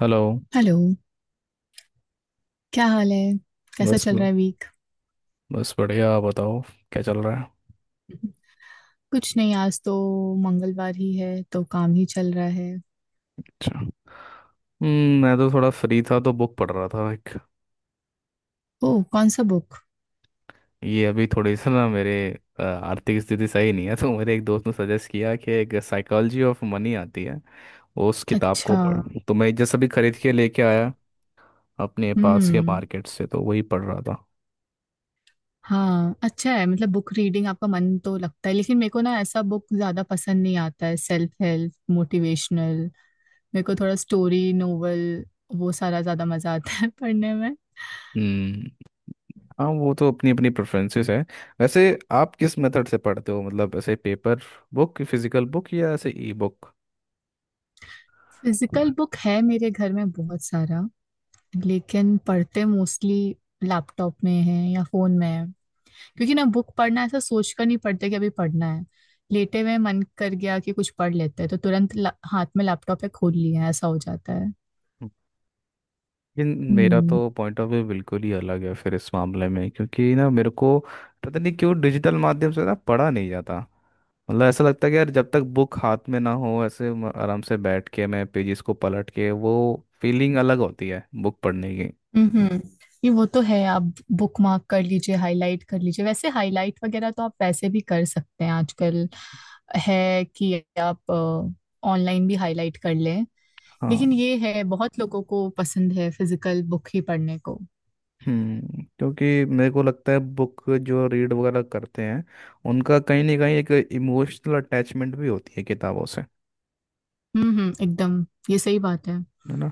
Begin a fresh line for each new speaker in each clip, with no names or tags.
Hello.
Hello. क्या हाल है? कैसा
बस
चल रहा है वीक?
बस बढ़िया, आप बताओ क्या चल रहा है?
कुछ नहीं, आज तो मंगलवार ही है तो काम ही चल रहा है।
अच्छा। मैं तो थोड़ा फ्री था तो बुक पढ़ रहा था एक।
ओह, कौन सा बुक?
ये अभी थोड़ी सा ना मेरे आर्थिक स्थिति सही नहीं है, तो मेरे एक दोस्त ने सजेस्ट किया कि एक साइकोलॉजी ऑफ मनी आती है। उस किताब
अच्छा।
को पढ़ तो मैं जस्ट अभी खरीद के लेके आया अपने पास के
हम्म।
मार्केट से, तो वही पढ़ रहा था।
हाँ अच्छा है, मतलब बुक रीडिंग आपका मन तो लगता है, लेकिन मेरे को ना ऐसा बुक ज्यादा पसंद नहीं आता है, सेल्फ हेल्प मोटिवेशनल। मेरे को थोड़ा स्टोरी नोवेल, वो सारा ज्यादा मजा आता है पढ़ने में।
हम्म। हाँ, वो तो अपनी अपनी प्रेफरेंसेस है। वैसे आप किस मेथड से पढ़ते हो, मतलब ऐसे पेपर बुक, फिजिकल बुक, या ऐसे ई बुक?
फिजिकल बुक है मेरे घर में बहुत सारा, लेकिन पढ़ते मोस्टली लैपटॉप में है या फोन में है। क्योंकि ना बुक पढ़ना ऐसा सोच कर नहीं पढ़ते कि अभी पढ़ना है, लेटे हुए मन कर गया कि कुछ पढ़ लेते हैं तो तुरंत हाथ में लैपटॉप है, खोल लिया, ऐसा हो जाता है।
लेकिन मेरा
हम्म।
तो पॉइंट ऑफ व्यू बिल्कुल ही अलग है फिर इस मामले में, क्योंकि ना मेरे को पता नहीं क्यों डिजिटल माध्यम से ना पढ़ा नहीं जाता। मतलब ऐसा लगता है कि यार, जब तक बुक हाथ में ना हो, ऐसे आराम से बैठ के मैं पेजेस को पलट के वो फीलिंग अलग होती है बुक पढ़ने की।
हम्म। ये वो तो है, आप बुक मार्क कर लीजिए, हाईलाइट कर लीजिए, वैसे हाईलाइट वगैरह तो आप वैसे भी कर सकते हैं आजकल, है कि आप ऑनलाइन भी हाईलाइट कर लें। लेकिन
हाँ।
ये है बहुत लोगों को पसंद है फिजिकल बुक ही पढ़ने को।
क्योंकि मेरे को लगता है बुक जो रीड वगैरह करते हैं, उनका कहीं ना कहीं एक इमोशनल अटैचमेंट भी होती है किताबों से।
हम्म, एकदम ये सही बात है।
है ना?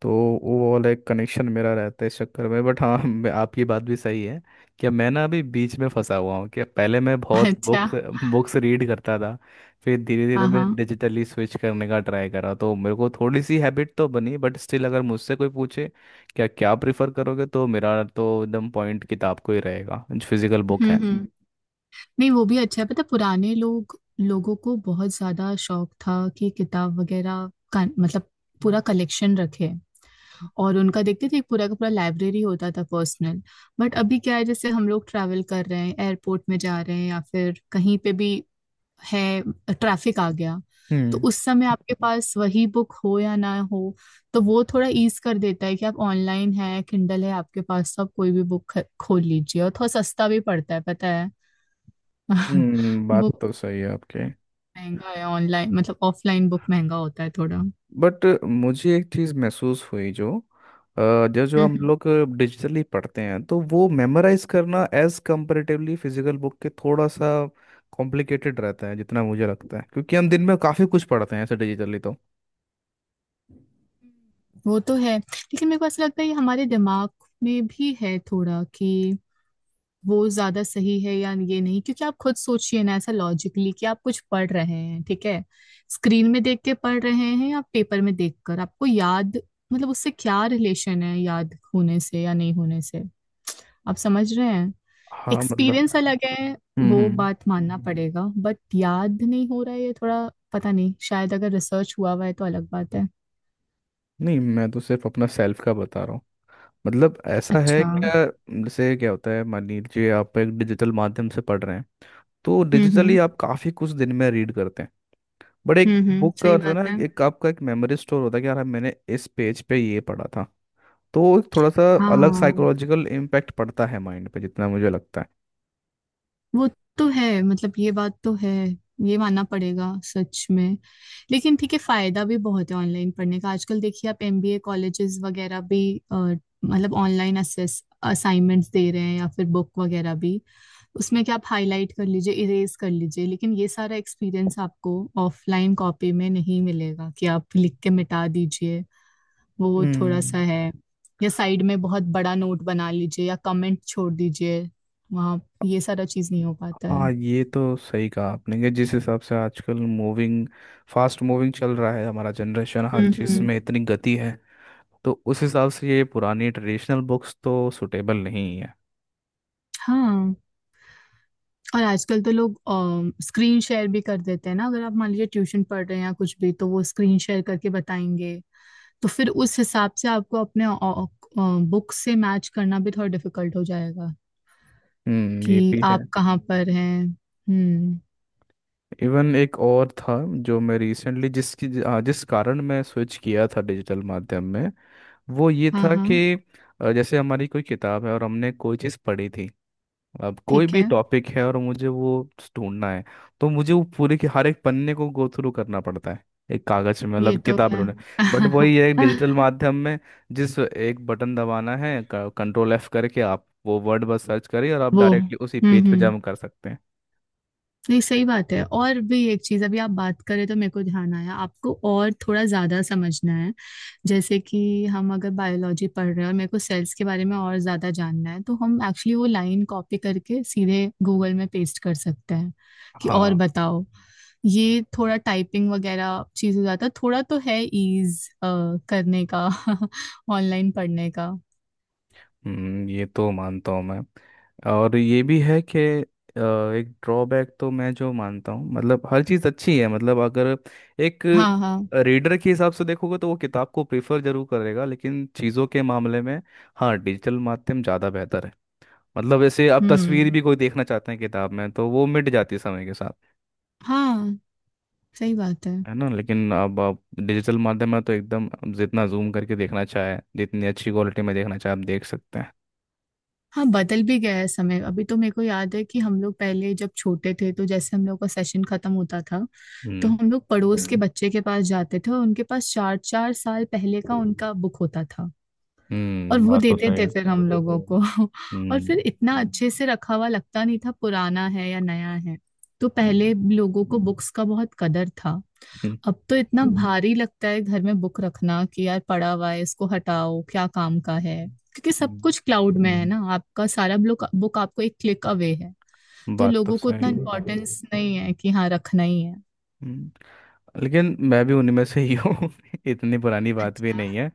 तो वो वाला एक कनेक्शन मेरा रहता है इस चक्कर में, बट हाँ, आपकी बात भी सही है कि मैं ना अभी बीच में फंसा हुआ हूँ कि पहले मैं बहुत
अच्छा।
बुक्स बुक्स रीड करता था। फिर धीरे धीरे
हाँ
मैं
हाँ।
डिजिटली स्विच करने का ट्राई करा, तो मेरे को थोड़ी सी हैबिट तो बनी, बट स्टिल अगर मुझसे कोई पूछे क्या क्या प्रिफर करोगे, तो मेरा तो एकदम पॉइंट किताब को ही रहेगा, जो फिजिकल बुक है।
हम्म। नहीं, वो भी अच्छा है पता है, पुराने लोग लोगों को बहुत ज्यादा शौक था कि किताब वगैरह का, मतलब पूरा कलेक्शन रखे, और उनका देखते थे पूरा का पूरा लाइब्रेरी होता था पर्सनल। बट अभी क्या है, जैसे हम लोग ट्रैवल कर रहे हैं, एयरपोर्ट में जा रहे हैं या फिर कहीं पे भी है, ट्रैफिक आ गया, तो
हम्म,
उस समय आपके पास वही बुक हो या ना हो, तो वो थोड़ा ईज कर देता है कि आप ऑनलाइन है, किंडल है आपके पास, तो आप कोई भी बुक खोल लीजिए। और थोड़ा सस्ता भी पड़ता है पता है।
हम्म, बात
बुक
तो सही है आपकी।
महंगा है ऑनलाइन, मतलब ऑफलाइन बुक महंगा होता है थोड़ा। हम्म।
बट मुझे एक चीज़ महसूस हुई अ, जो जो हम
हम्म,
लोग डिजिटली पढ़ते हैं तो वो मेमोराइज करना एज कंपैरेटिवली फिजिकल बुक के थोड़ा सा कॉम्प्लिकेटेड रहता है, जितना मुझे लगता है, क्योंकि हम दिन में काफ़ी कुछ पढ़ते हैं ऐसे डिजिटली तो।
वो तो है, लेकिन मेरे को ऐसा लगता है ये हमारे दिमाग में भी है थोड़ा कि वो ज्यादा सही है या ये नहीं, क्योंकि आप खुद सोचिए ना ऐसा लॉजिकली कि आप कुछ पढ़ रहे हैं ठीक है, स्क्रीन में देख के पढ़ रहे हैं या पेपर में देखकर आपको याद, मतलब उससे क्या रिलेशन है याद होने से या नहीं होने से? आप समझ रहे हैं?
हाँ, मतलब।
एक्सपीरियंस अलग है,
हम्म,
वो
हम्म।
बात मानना पड़ेगा, बट याद नहीं हो रहा है ये थोड़ा, पता नहीं, शायद अगर रिसर्च हुआ हुआ है तो अलग बात है।
नहीं, मैं तो सिर्फ अपना सेल्फ का बता रहा हूँ, मतलब ऐसा है
अच्छा।
क्या? जैसे क्या होता है, मान लीजिए आप एक डिजिटल माध्यम से पढ़ रहे हैं, तो डिजिटली
हम्म।
आप काफ़ी कुछ दिन में रीड करते हैं, बट एक
हम्म,
बुक का
सही
होता है
बात है।
ना, एक आपका एक मेमोरी स्टोर होता है कि यार मैंने इस पेज पे ये पढ़ा था, तो वो एक थोड़ा सा अलग
हाँ
साइकोलॉजिकल इम्पैक्ट पड़ता है माइंड पे, जितना मुझे लगता है।
वो तो है, मतलब ये बात तो है, ये मानना पड़ेगा सच में। लेकिन ठीक है, फायदा भी बहुत है ऑनलाइन पढ़ने का। आजकल देखिए आप एमबीए कॉलेजेस वगैरह भी अ, मतलब ऑनलाइन असेस असाइनमेंट्स दे रहे हैं, या फिर बुक वगैरह भी। उसमें क्या, आप हाईलाइट कर लीजिए, इरेज कर लीजिए, लेकिन ये सारा एक्सपीरियंस आपको ऑफलाइन कॉपी में नहीं मिलेगा कि आप लिख के मिटा दीजिए, वो थोड़ा सा
हम्म।
है, या साइड में बहुत बड़ा नोट बना लीजिए या कमेंट छोड़ दीजिए, वहाँ ये सारा चीज नहीं हो पाता है।
हाँ, ये तो सही कहा आपने कि जिस हिसाब से आजकल मूविंग फास्ट मूविंग चल रहा है हमारा जनरेशन, हर चीज़ में
हम्म।
इतनी गति है, तो उस हिसाब से ये पुरानी ट्रेडिशनल बुक्स तो सुटेबल नहीं है।
हाँ, और आजकल तो लोग स्क्रीन शेयर भी कर देते हैं ना, अगर आप मान लीजिए ट्यूशन पढ़ रहे हैं या कुछ भी, तो वो स्क्रीन शेयर करके बताएंगे, तो फिर उस हिसाब से आपको अपने बुक से मैच करना भी थोड़ा डिफिकल्ट हो जाएगा
हम्म,
कि
ये भी है।
आप कहाँ पर हैं। हम्म।
इवन एक और था जो मैं रिसेंटली जिसकी हाँ, जिस कारण मैं स्विच किया था डिजिटल माध्यम में, वो ये
हाँ
था
हाँ।
कि जैसे हमारी कोई किताब है और हमने कोई चीज़ पढ़ी थी, अब कोई
ठीक
भी
है।
टॉपिक है और मुझे वो ढूंढना है, तो मुझे वो पूरे के हर एक पन्ने को गो थ्रू करना पड़ता है, एक कागज में,
ये
मतलब
तो
किताब में
है।
ढूंढना। बट वही है डिजिटल माध्यम में, जिस एक बटन दबाना है, कंट्रोल एफ करके आप वो वर्ड बस सर्च करिए और आप
वो
डायरेक्टली उसी पेज पे
हम्म,
जंप कर सकते हैं।
नहीं सही बात है। और भी एक चीज अभी आप बात करें तो मेरे को ध्यान आया, आपको और थोड़ा ज्यादा समझना है, जैसे कि हम अगर बायोलॉजी पढ़ रहे हैं और मेरे को सेल्स के बारे में और ज्यादा जानना है, तो हम एक्चुअली वो लाइन कॉपी करके सीधे गूगल में पेस्ट कर सकते हैं कि और
हाँ।
बताओ। ये थोड़ा टाइपिंग वगैरह चीज हो जाता है थोड़ा, तो है ईज करने का, ऑनलाइन पढ़ने का।
ये तो मानता हूँ मैं। और ये भी है कि अ, एक ड्रॉबैक तो मैं जो मानता हूँ, मतलब हर चीज़ अच्छी है, मतलब अगर एक
हाँ हाँ।
रीडर के हिसाब से देखोगे तो वो किताब को प्रेफर जरूर करेगा, लेकिन चीज़ों के मामले में, हाँ, डिजिटल माध्यम ज़्यादा बेहतर है। मतलब जैसे अब तस्वीर
हम्म।
भी कोई देखना चाहते हैं किताब में तो वो मिट जाती है समय के साथ।
हाँ सही बात है।
है ना? लेकिन अब आप डिजिटल माध्यम में तो एकदम जितना जूम करके देखना चाहे, जितनी अच्छी क्वालिटी में देखना चाहे, आप देख सकते हैं।
हाँ, बदल भी गया है समय। अभी तो मेरे को याद है कि हम लोग पहले जब छोटे थे, तो जैसे हम लोग का सेशन खत्म होता था, तो
हम्म,
हम लोग पड़ोस के बच्चे के पास जाते थे, और उनके पास चार चार साल पहले का उनका बुक होता था, और
हम्म,
वो
बात तो
देते
सही
थे
है।
फिर हम लोगों को। और
हम्म,
फिर इतना अच्छे से रखा हुआ लगता नहीं था पुराना है या नया है। तो
हम्म,
पहले लोगों को बुक्स का बहुत कदर था। अब तो इतना भारी लगता है घर में बुक रखना कि यार पड़ा हुआ है, इसको हटाओ, क्या काम का है, क्योंकि सब
हम्म,
कुछ क्लाउड में है। ना आपका सारा बुक बुक आपको एक क्लिक अवे है, तो
बात तो
लोगों को इतना
सही है।
इम्पोर्टेंस नहीं है कि हाँ रखना ही है।
हम्म, लेकिन मैं भी उनमें से ही हूँ इतनी पुरानी बात भी
अच्छा।
नहीं है,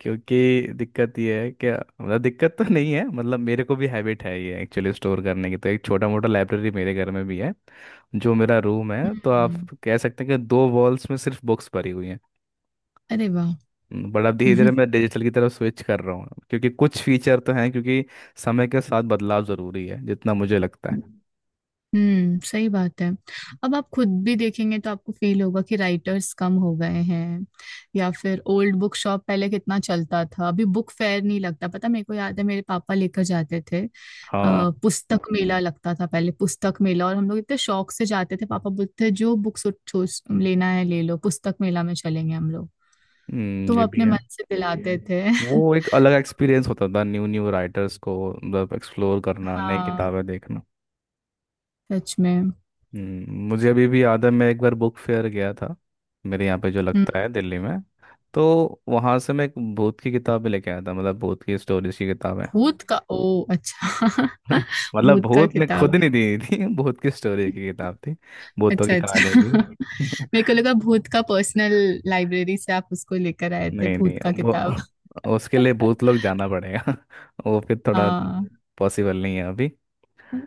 क्योंकि दिक्कत ये है कि, मतलब दिक्कत तो नहीं है, मतलब मेरे को भी हैबिट है ये एक्चुअली स्टोर करने की, तो एक छोटा मोटा लाइब्रेरी मेरे घर में भी है, जो मेरा रूम है, तो आप
हम्म।
कह सकते हैं कि दो वॉल्स में सिर्फ बुक्स भरी हुई हैं।
अरे
बट अब धीरे
वाह।
धीरे मैं डिजिटल की तरफ स्विच कर रहा हूँ, क्योंकि कुछ फीचर तो हैं, क्योंकि समय के साथ बदलाव ज़रूरी है, जितना मुझे लगता है।
हम्म, सही बात है। अब आप खुद भी देखेंगे तो आपको फील होगा कि राइटर्स कम हो गए हैं, या फिर ओल्ड बुक शॉप पहले कितना चलता था, अभी बुक फेयर नहीं लगता। पता मेरे को याद है मेरे पापा लेकर जाते थे,
हाँ।
पुस्तक मेला लगता था पहले, पुस्तक मेला, और हम लोग इतने शौक से जाते थे, पापा बोलते थे जो बुक लेना है ले लो, पुस्तक मेला में चलेंगे हम लोग, तो वो
ये भी
अपने
है।
मन से दिलाते थे।
वो एक अलग एक्सपीरियंस होता था न्यू न्यू राइटर्स को, मतलब एक्सप्लोर करना, नई
हाँ,
किताबें देखना।
सच में।
मुझे अभी भी याद है, मैं एक बार बुक फेयर गया था, मेरे यहाँ पे जो
हम्म।
लगता है दिल्ली में, तो वहाँ से मैं एक भूत की किताबें लेके आया था, मतलब भूत की स्टोरीज की किताबें
भूत का, ओ अच्छा।
मतलब
भूत का
भूत ने खुद
किताब।
नहीं दी थी, भूत की स्टोरी की किताब थी, भूतों
अच्छा
की कहानी
अच्छा।
की
मेरे को लगा भूत का पर्सनल लाइब्रेरी से आप उसको लेकर आए थे,
नहीं नहीं,
भूत का किताब।
वो उसके लिए भूत लोग जाना पड़ेगा वो फिर थोड़ा
हाँ।
पॉसिबल नहीं है अभी।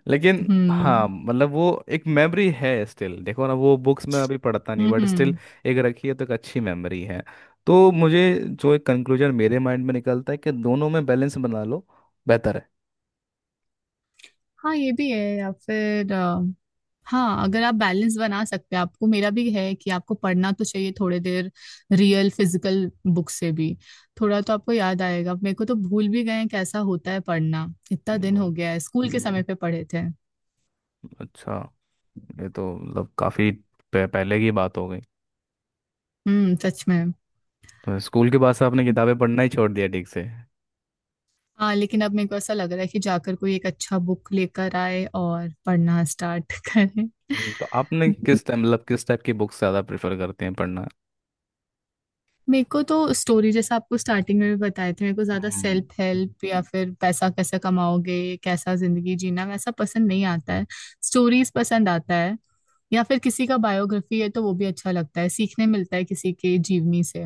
लेकिन हाँ,
हम्म
मतलब वो एक मेमोरी है, स्टिल देखो ना, वो बुक्स में अभी पढ़ता नहीं
हम्म।
बट स्टिल
हम्म।
एक रखी है, तो एक अच्छी मेमोरी है। तो मुझे जो एक कंक्लूजन मेरे माइंड में निकलता है कि दोनों में बैलेंस बना लो, बेहतर है।
हाँ ये भी है, या फिर हाँ अगर आप बैलेंस बना सकते हैं। आपको, मेरा भी है कि आपको पढ़ना तो चाहिए थोड़ी देर रियल फिजिकल बुक से भी, थोड़ा तो आपको याद आएगा। मेरे को तो भूल भी गए हैं कैसा होता है पढ़ना, इतना दिन
वाह,
हो गया है, स्कूल के समय पे पढ़े थे।
अच्छा। ये तो मतलब काफी पहले की बात हो गई।
सच में।
तो स्कूल के बाद से आपने किताबें पढ़ना ही छोड़ दिया ठीक से?
हाँ, लेकिन अब मेरे को ऐसा लग रहा है कि जाकर कोई एक अच्छा बुक लेकर आए और पढ़ना स्टार्ट करें।
तो आपने किस टाइम, मतलब किस टाइप की बुक्स ज़्यादा प्रेफर करते हैं पढ़ना?
मेरे को तो स्टोरी जैसा, आपको स्टार्टिंग में भी बताए थे, मेरे को ज्यादा
हम्म,
सेल्फ हेल्प या फिर पैसा कैसे कमाओगे, कैसा जिंदगी जीना, वैसा पसंद नहीं आता है। स्टोरीज पसंद आता है, या फिर किसी का बायोग्राफी है तो वो भी अच्छा लगता है, सीखने मिलता है किसी के जीवनी से,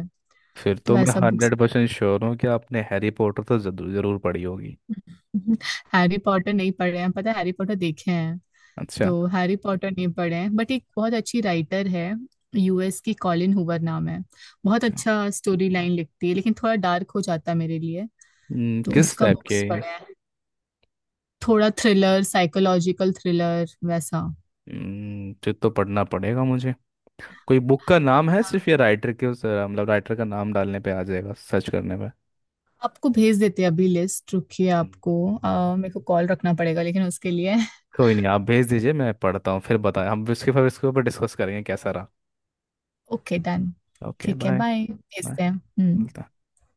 फिर
तो
तो मैं
वैसा बुक्स।
100% श्योर हूँ कि आपने हैरी पॉटर तो जरूर जरूर पढ़ी होगी।
हैरी पॉटर नहीं पढ़े हैं, पता है हैरी पॉटर देखे,
अच्छा।
तो हैरी पॉटर नहीं पढ़े हैं, बट एक बहुत अच्छी राइटर है, यूएस की, कॉलिन हूवर नाम है, बहुत
अच्छा।
अच्छा स्टोरी लाइन लिखती है, लेकिन थोड़ा डार्क हो जाता है मेरे लिए, तो
किस
उसका
टाइप
बुक्स
के?
पढ़े हैं, थोड़ा थ्रिलर, साइकोलॉजिकल थ्रिलर वैसा।
फिर तो पढ़ना पड़ेगा मुझे। कोई बुक का नाम है
हाँ,
सिर्फ, या राइटर के उस, मतलब राइटर का नाम डालने पे आ जाएगा सर्च करने पे?
आपको भेज देते हैं अभी लिस्ट, रुकिए,
हम्म।
आपको, मेरे को कॉल रखना पड़ेगा लेकिन उसके लिए।
कोई नहीं, आप भेज दीजिए, मैं पढ़ता हूँ, फिर बताएं हम, इसके फिर इसके ऊपर डिस्कस करेंगे कैसा रहा।
Okay done.
ओके,
ठीक है,
बाय।
Bye,
bye.
भेजते हैं। हम्म।
मिलता।